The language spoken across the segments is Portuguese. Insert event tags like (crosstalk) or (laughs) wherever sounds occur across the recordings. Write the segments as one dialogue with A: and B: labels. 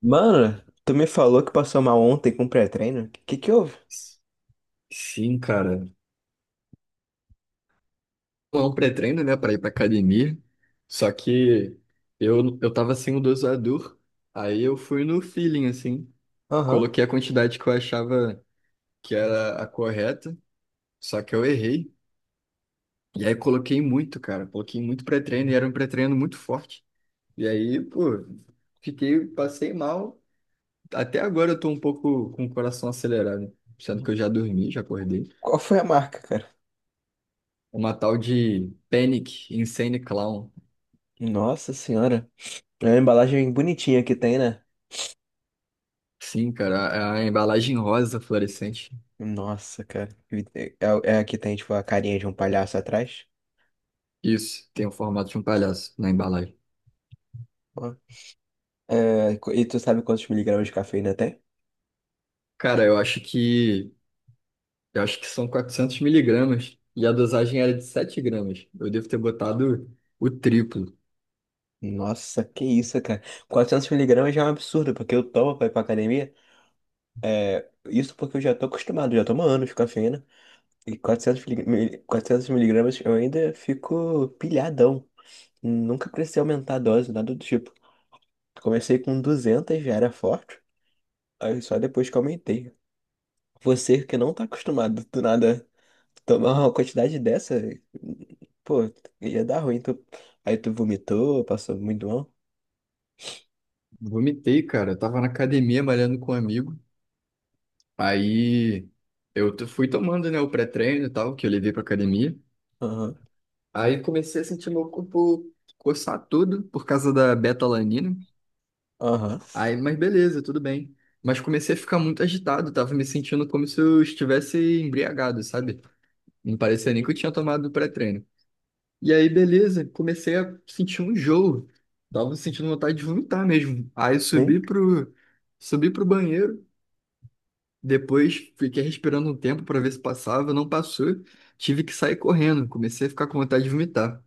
A: Mano, tu me falou que passou mal ontem com pré-treino? Que houve?
B: Sim, cara. É um pré-treino, né, pra ir pra academia. Só que eu tava sem o dosador, aí eu fui no feeling, assim.
A: Aham.
B: Coloquei a quantidade que eu achava que era a correta, só que eu errei. E aí coloquei muito, cara. Coloquei muito pré-treino e era um pré-treino muito forte. E aí, pô, passei mal. Até agora eu tô um pouco com o coração acelerado, sendo que eu já dormi, já acordei.
A: Qual foi a marca, cara?
B: Uma tal de Panic Insane Clown.
A: Nossa senhora. É uma embalagem bonitinha que tem, né?
B: Sim, cara, a embalagem rosa fluorescente.
A: Nossa, cara. É, é a que tem, tipo, a carinha de um palhaço atrás?
B: Isso, tem o formato de um palhaço na embalagem.
A: Ó. É, e tu sabe quantos miligramas de cafeína tem?
B: Cara, eu acho que são 400 mg e a dosagem era de 7 g. Eu devo ter botado o triplo.
A: Nossa, que isso, cara. 400 miligramas já é um absurdo, porque eu tomo pra ir pra academia. É, isso porque eu já tô acostumado, já tomo anos de cafeína. E 400 miligramas eu ainda fico pilhadão. Nunca precisei aumentar a dose, nada do tipo. Comecei com 200 já era forte. Aí só depois que aumentei. Você que não tá acostumado do nada tomar uma quantidade dessa, pô, ia dar ruim. Tu... Aí tu vomitou, passou muito mal.
B: Vomitei, cara. Eu tava na academia malhando com um amigo. Aí fui tomando, né, o pré-treino e tal, que eu levei pra academia.
A: Aham,
B: Aí comecei a sentir meu corpo coçar tudo por causa da beta-alanina.
A: aham.
B: Aí, mas beleza, tudo bem. Mas comecei a ficar muito agitado, tava me sentindo como se eu estivesse embriagado, sabe? Não parecia nem que eu
A: Uhum.
B: tinha tomado pré-treino. E aí, beleza, comecei a sentir um enjoo. Tava sentindo vontade de vomitar mesmo. Aí
A: Sim,
B: subi pro banheiro. Depois fiquei respirando um tempo para ver se passava, não passou. Tive que sair correndo, comecei a ficar com vontade de vomitar.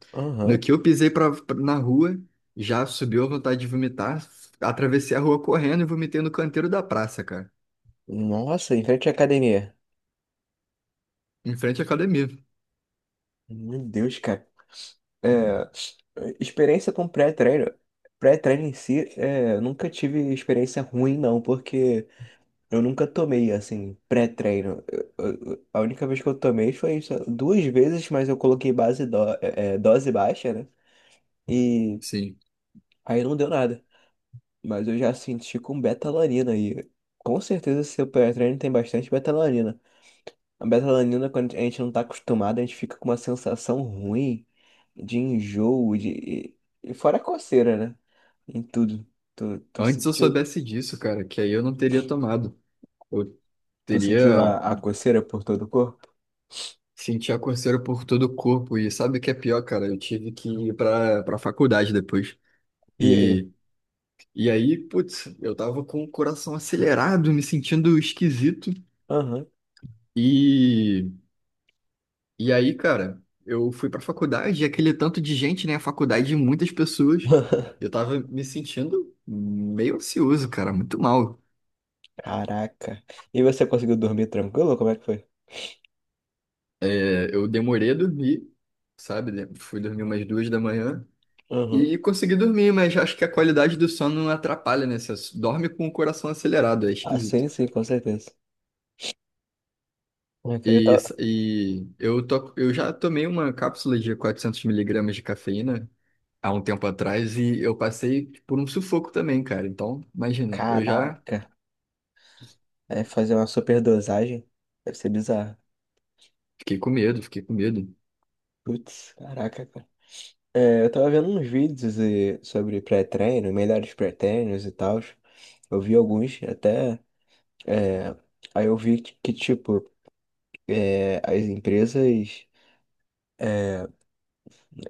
B: No
A: aham.
B: que eu pisei na rua, já subiu a vontade de vomitar. Atravessei a rua correndo e vomitei no canteiro da praça, cara,
A: Nossa, em frente à academia.
B: em frente à academia.
A: Meu Deus, cara. É, experiência com pré-treino. Pré-treino em si, é, nunca tive experiência ruim, não, porque. Eu nunca tomei, assim, pré-treino. A única vez que eu tomei foi só duas vezes, mas eu coloquei é, é, dose baixa, né? E
B: Sim.
A: aí não deu nada. Mas eu já senti com betalanina e com certeza seu pré-treino tem bastante betalanina. A betalanina, quando a gente não tá acostumado, a gente fica com uma sensação ruim de enjoo, de... E fora a coceira, né? Em tudo. Tu,
B: Antes eu soubesse disso, cara, que aí eu não teria tomado. Eu
A: tu sentiu
B: teria
A: a coceira por todo o corpo?
B: Senti a coceira por todo o corpo e sabe o que é pior, cara? Eu tive que ir pra para faculdade depois.
A: E aí?
B: e E aí, putz, eu tava com o coração acelerado, me sentindo esquisito.
A: Aham.
B: E, e aí, cara, eu fui pra faculdade, e aquele tanto de gente, né? A faculdade de muitas pessoas.
A: (laughs)
B: Eu tava me sentindo meio ansioso, cara, muito mal.
A: Caraca. E você conseguiu dormir tranquilo? Como é que foi?
B: É, eu demorei a dormir, sabe? Né, fui dormir umas 2 da manhã
A: Uhum.
B: e consegui dormir, mas acho que a qualidade do sono atrapalha, né? Você dorme com o coração acelerado, é
A: Ah,
B: esquisito.
A: sim, sim, com certeza. Eu queria
B: E,
A: tá-
B: e eu, to, eu já tomei uma cápsula de 400 mg de cafeína há um tempo atrás e eu passei por um sufoco também, cara. Então, imagina, eu já
A: Caraca. É fazer uma superdosagem. Deve ser bizarro.
B: fiquei com medo, fiquei com medo.
A: Putz, caraca, cara. É, eu tava vendo uns vídeos e- sobre pré-treino, melhores pré-treinos e tal. Eu vi alguns até. É, aí eu vi que, tipo, é, as empresas.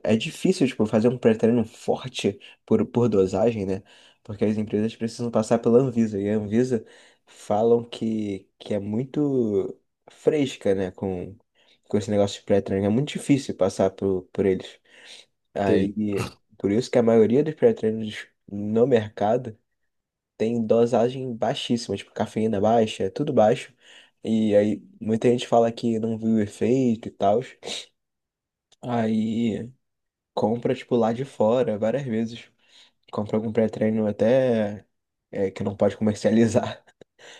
A: É difícil, tipo, fazer um pré-treino forte por dosagem, né? Porque as empresas precisam passar pela Anvisa. E a Anvisa falam que é muito fresca, né? Com esse negócio de pré-treino. É muito difícil passar por eles.
B: Sei.
A: Aí, por isso que a maioria dos pré-treinos no mercado tem dosagem baixíssima, tipo, cafeína baixa, é tudo baixo. E aí, muita gente fala que não viu efeito e tal. Aí compra, tipo, lá de fora, várias vezes. Compra algum pré-treino até é, que não pode comercializar. (laughs)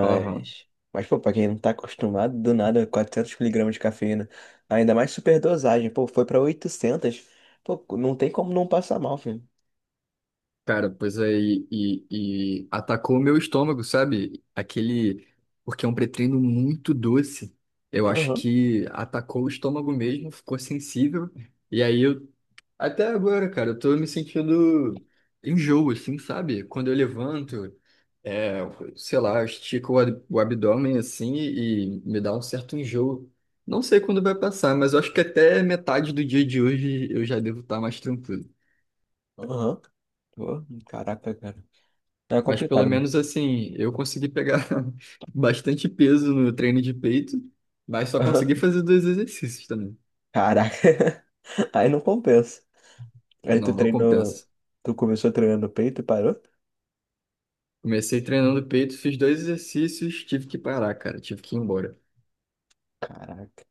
B: Aham.
A: mas, pô, pra quem não tá acostumado, do nada, 400 miligramas de cafeína. Ainda mais superdosagem, pô, foi pra oitocentos. Pô, não tem como não passar mal, filho.
B: Cara, pois aí, e atacou o meu estômago, sabe? Aquele. Porque é um pré-treino muito doce. Eu acho
A: Aham,
B: que atacou o estômago mesmo, ficou sensível. E aí eu Até agora, cara, eu tô me sentindo enjoo, assim, sabe? Quando eu levanto, é, sei lá, estico o abdômen, assim, e me dá um certo enjoo. Não sei quando vai passar, mas eu acho que até metade do dia de hoje eu já devo estar mais tranquilo.
A: aham. Pô, caraca, cara. É
B: Mas pelo
A: complicado, né?
B: menos, assim, eu consegui pegar (laughs) bastante peso no treino de peito, mas só consegui
A: (laughs)
B: fazer dois exercícios também.
A: Caraca. (laughs) Aí não compensa. Aí
B: Não,
A: tu
B: não
A: treinou,
B: compensa.
A: tu começou treinando peito e parou?
B: Comecei treinando peito, fiz dois exercícios, tive que parar, cara, tive que ir embora.
A: Caraca.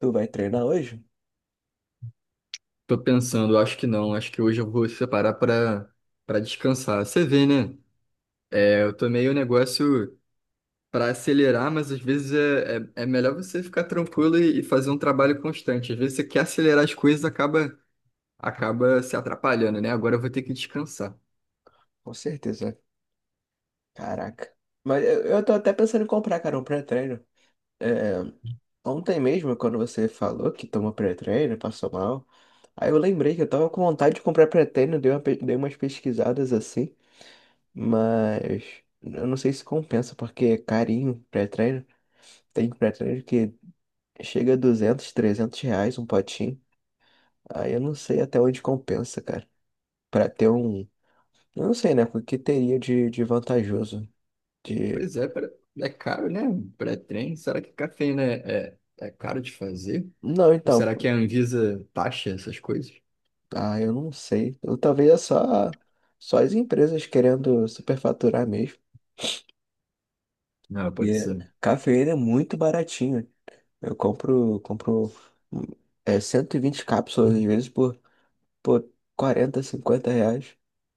A: Tu vai treinar hoje?
B: Tô pensando, acho que não. Acho que hoje eu vou separar pra para descansar. Você vê, né? É, eu tomei o negócio pra acelerar, mas às vezes é melhor você ficar tranquilo e fazer um trabalho constante. Às vezes você quer acelerar as coisas, acaba se atrapalhando, né? Agora eu vou ter que descansar.
A: Com certeza. Caraca. Mas eu tô até pensando em comprar, cara, um pré-treino. É, ontem mesmo, quando você falou que tomou pré-treino, passou mal, aí eu lembrei que eu tava com vontade de comprar pré-treino, dei uma, dei umas pesquisadas assim, mas eu não sei se compensa, porque é carinho pré-treino. Tem pré-treino que chega a 200, 300 reais um potinho. Aí eu não sei até onde compensa, cara, pra ter um... Eu não sei, né, o que teria de vantajoso, de...
B: Pois é, é caro, né? Um pré-treino. Será que cafeína é caro de fazer?
A: Não,
B: Ou
A: então...
B: será que a Anvisa taxa essas coisas?
A: Ah, eu não sei. Ou talvez é só, só as empresas querendo superfaturar mesmo.
B: Não,
A: E
B: pode
A: é-
B: ser.
A: cafeína é muito baratinho. Eu compro, compro hum, é, 120 cápsulas, às vezes, por 40, 50 reais.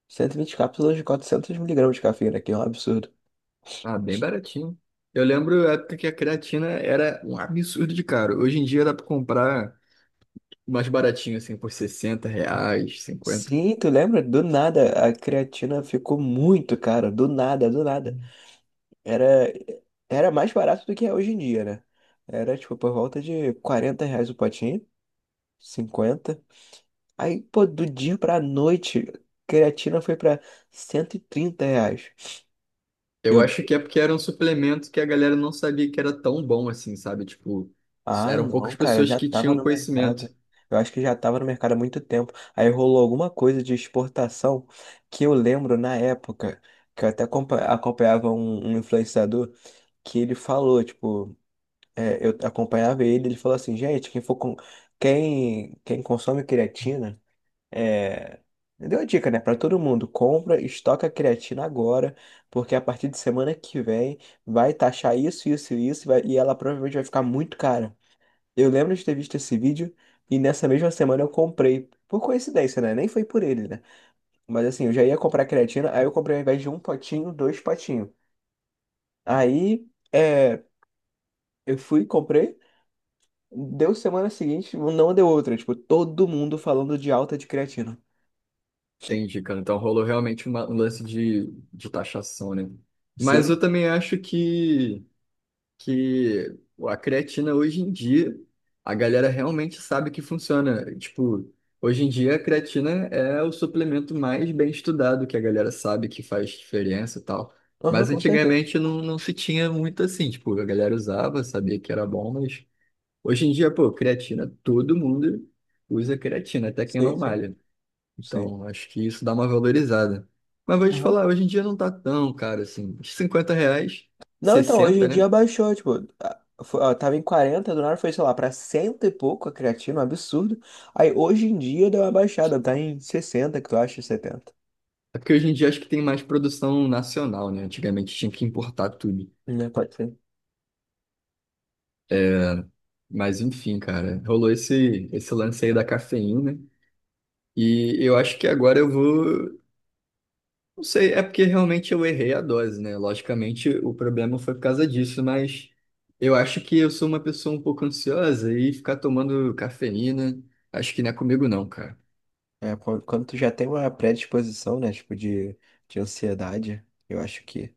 A: 120 cápsulas de 400 miligramas de cafeína, que é um absurdo.
B: Ah, bem baratinho. Eu lembro a época que a creatina era um absurdo de caro. Hoje em dia dá pra comprar mais baratinho, assim, por 60 reais, 50.
A: Sim, tu lembra? Do nada, a creatina ficou muito cara. Do nada, do nada. Era, era mais barato do que é hoje em dia, né? Era, tipo, por volta de 40 reais o potinho. Cinquenta. Aí, pô, do dia pra noite, creatina foi pra 130 reais.
B: Eu
A: Eu,
B: acho que é porque era um suplemento que a galera não sabia que era tão bom assim, sabe? Tipo,
A: ah,
B: eram poucas
A: não, cara, eu
B: pessoas
A: já
B: que
A: tava
B: tinham
A: no mercado.
B: conhecimento.
A: Eu acho que já tava no mercado há muito tempo. Aí rolou alguma coisa de exportação que eu lembro na época, que eu até acompanhava um influenciador, que ele falou, tipo, é, eu acompanhava ele, ele falou assim, gente, quem consome creatina. É, deu a dica, né, para todo mundo, compra, estoca a creatina agora, porque a partir de semana que vem vai taxar isso, isso e isso, e vai- e ela provavelmente vai ficar muito cara. Eu lembro de ter visto esse vídeo e nessa mesma semana eu comprei, por coincidência, né? Nem foi por ele, né? Mas assim, eu já ia comprar creatina, aí eu comprei ao invés de um potinho, dois potinhos. Aí, é, eu fui, comprei, deu semana seguinte, não deu outra, tipo, todo mundo falando de alta de creatina.
B: Entendi, cara. Então rolou realmente um lance de taxação, né? Mas
A: Sim,
B: eu também acho que a creatina hoje em dia, a galera realmente sabe que funciona. Tipo, hoje em dia a creatina é o suplemento mais bem estudado, que a galera sabe que faz diferença e tal.
A: aham,
B: Mas
A: com certeza.
B: antigamente não, não se tinha muito assim, tipo, a galera usava, sabia que era bom, mas hoje em dia, pô, creatina, todo mundo usa creatina, até quem
A: Sim,
B: não
A: sim,
B: malha.
A: sim.
B: Então, acho que isso dá uma valorizada. Mas vou te
A: Aham.
B: falar, hoje em dia não tá tão caro assim. 50 reais,
A: Não, então, hoje em
B: 60,
A: dia
B: né?
A: baixou, tipo, tava em 40 do nada foi, sei lá, pra cento e pouco a creatina, um absurdo. Aí hoje em dia deu uma baixada, tá em 60 que tu acha, setenta.
B: É porque hoje em dia acho que tem mais produção nacional, né? Antigamente tinha que importar tudo.
A: Né, pode ser.
B: Mas enfim, cara, rolou esse lance aí da cafeína. E eu acho que agora eu vou. Não sei, é porque realmente eu errei a dose, né? Logicamente o problema foi por causa disso, mas eu acho que eu sou uma pessoa um pouco ansiosa e ficar tomando cafeína, acho que não é comigo, não, cara.
A: É, quando tu já tem uma predisposição, né, tipo, de ansiedade, eu acho que,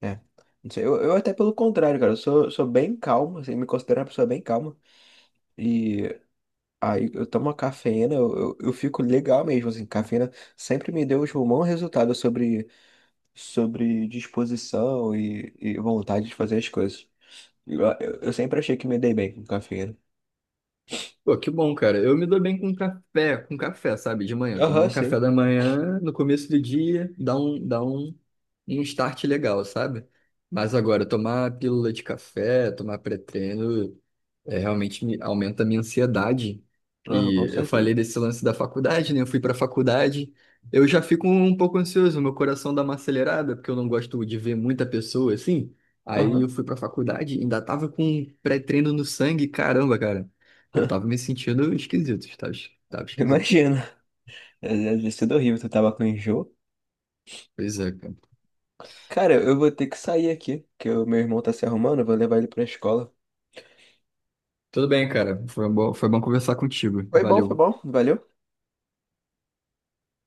A: é. Não sei, eu até pelo contrário, cara, eu sou bem calmo, assim, me considero uma pessoa bem calma. Aí eu tomo a cafeína, eu fico legal mesmo, assim, cafeína sempre me deu tipo, um bom resultado sobre, sobre disposição e vontade de fazer as coisas. Eu sempre achei que me dei bem com cafeína.
B: Pô, que bom, cara. Eu me dou bem com café, sabe? De manhã. Tomar
A: Aham,
B: um café
A: sim.
B: da manhã, no começo do dia, dá um start legal, sabe? Mas agora, tomar pílula de café, tomar pré-treino, é, realmente aumenta a minha ansiedade.
A: Aham, com
B: E eu falei
A: certeza.
B: desse lance da faculdade, né? Eu fui para a faculdade, eu já fico um pouco ansioso, meu coração dá uma acelerada, porque eu não gosto de ver muita pessoa assim. Aí
A: Aham.
B: eu fui para a faculdade, ainda tava com pré-treino no sangue, caramba, cara. Eu tava
A: (laughs)
B: me sentindo esquisito, tava esquisito.
A: Imagina. É, deve ter sido horrível, tu tava com enjoo.
B: Pois é, cara.
A: Cara, eu vou ter que sair aqui, que o meu irmão tá se arrumando, eu vou levar ele pra escola.
B: Tudo bem, cara. Foi bom conversar contigo.
A: Foi
B: Valeu.
A: bom, valeu.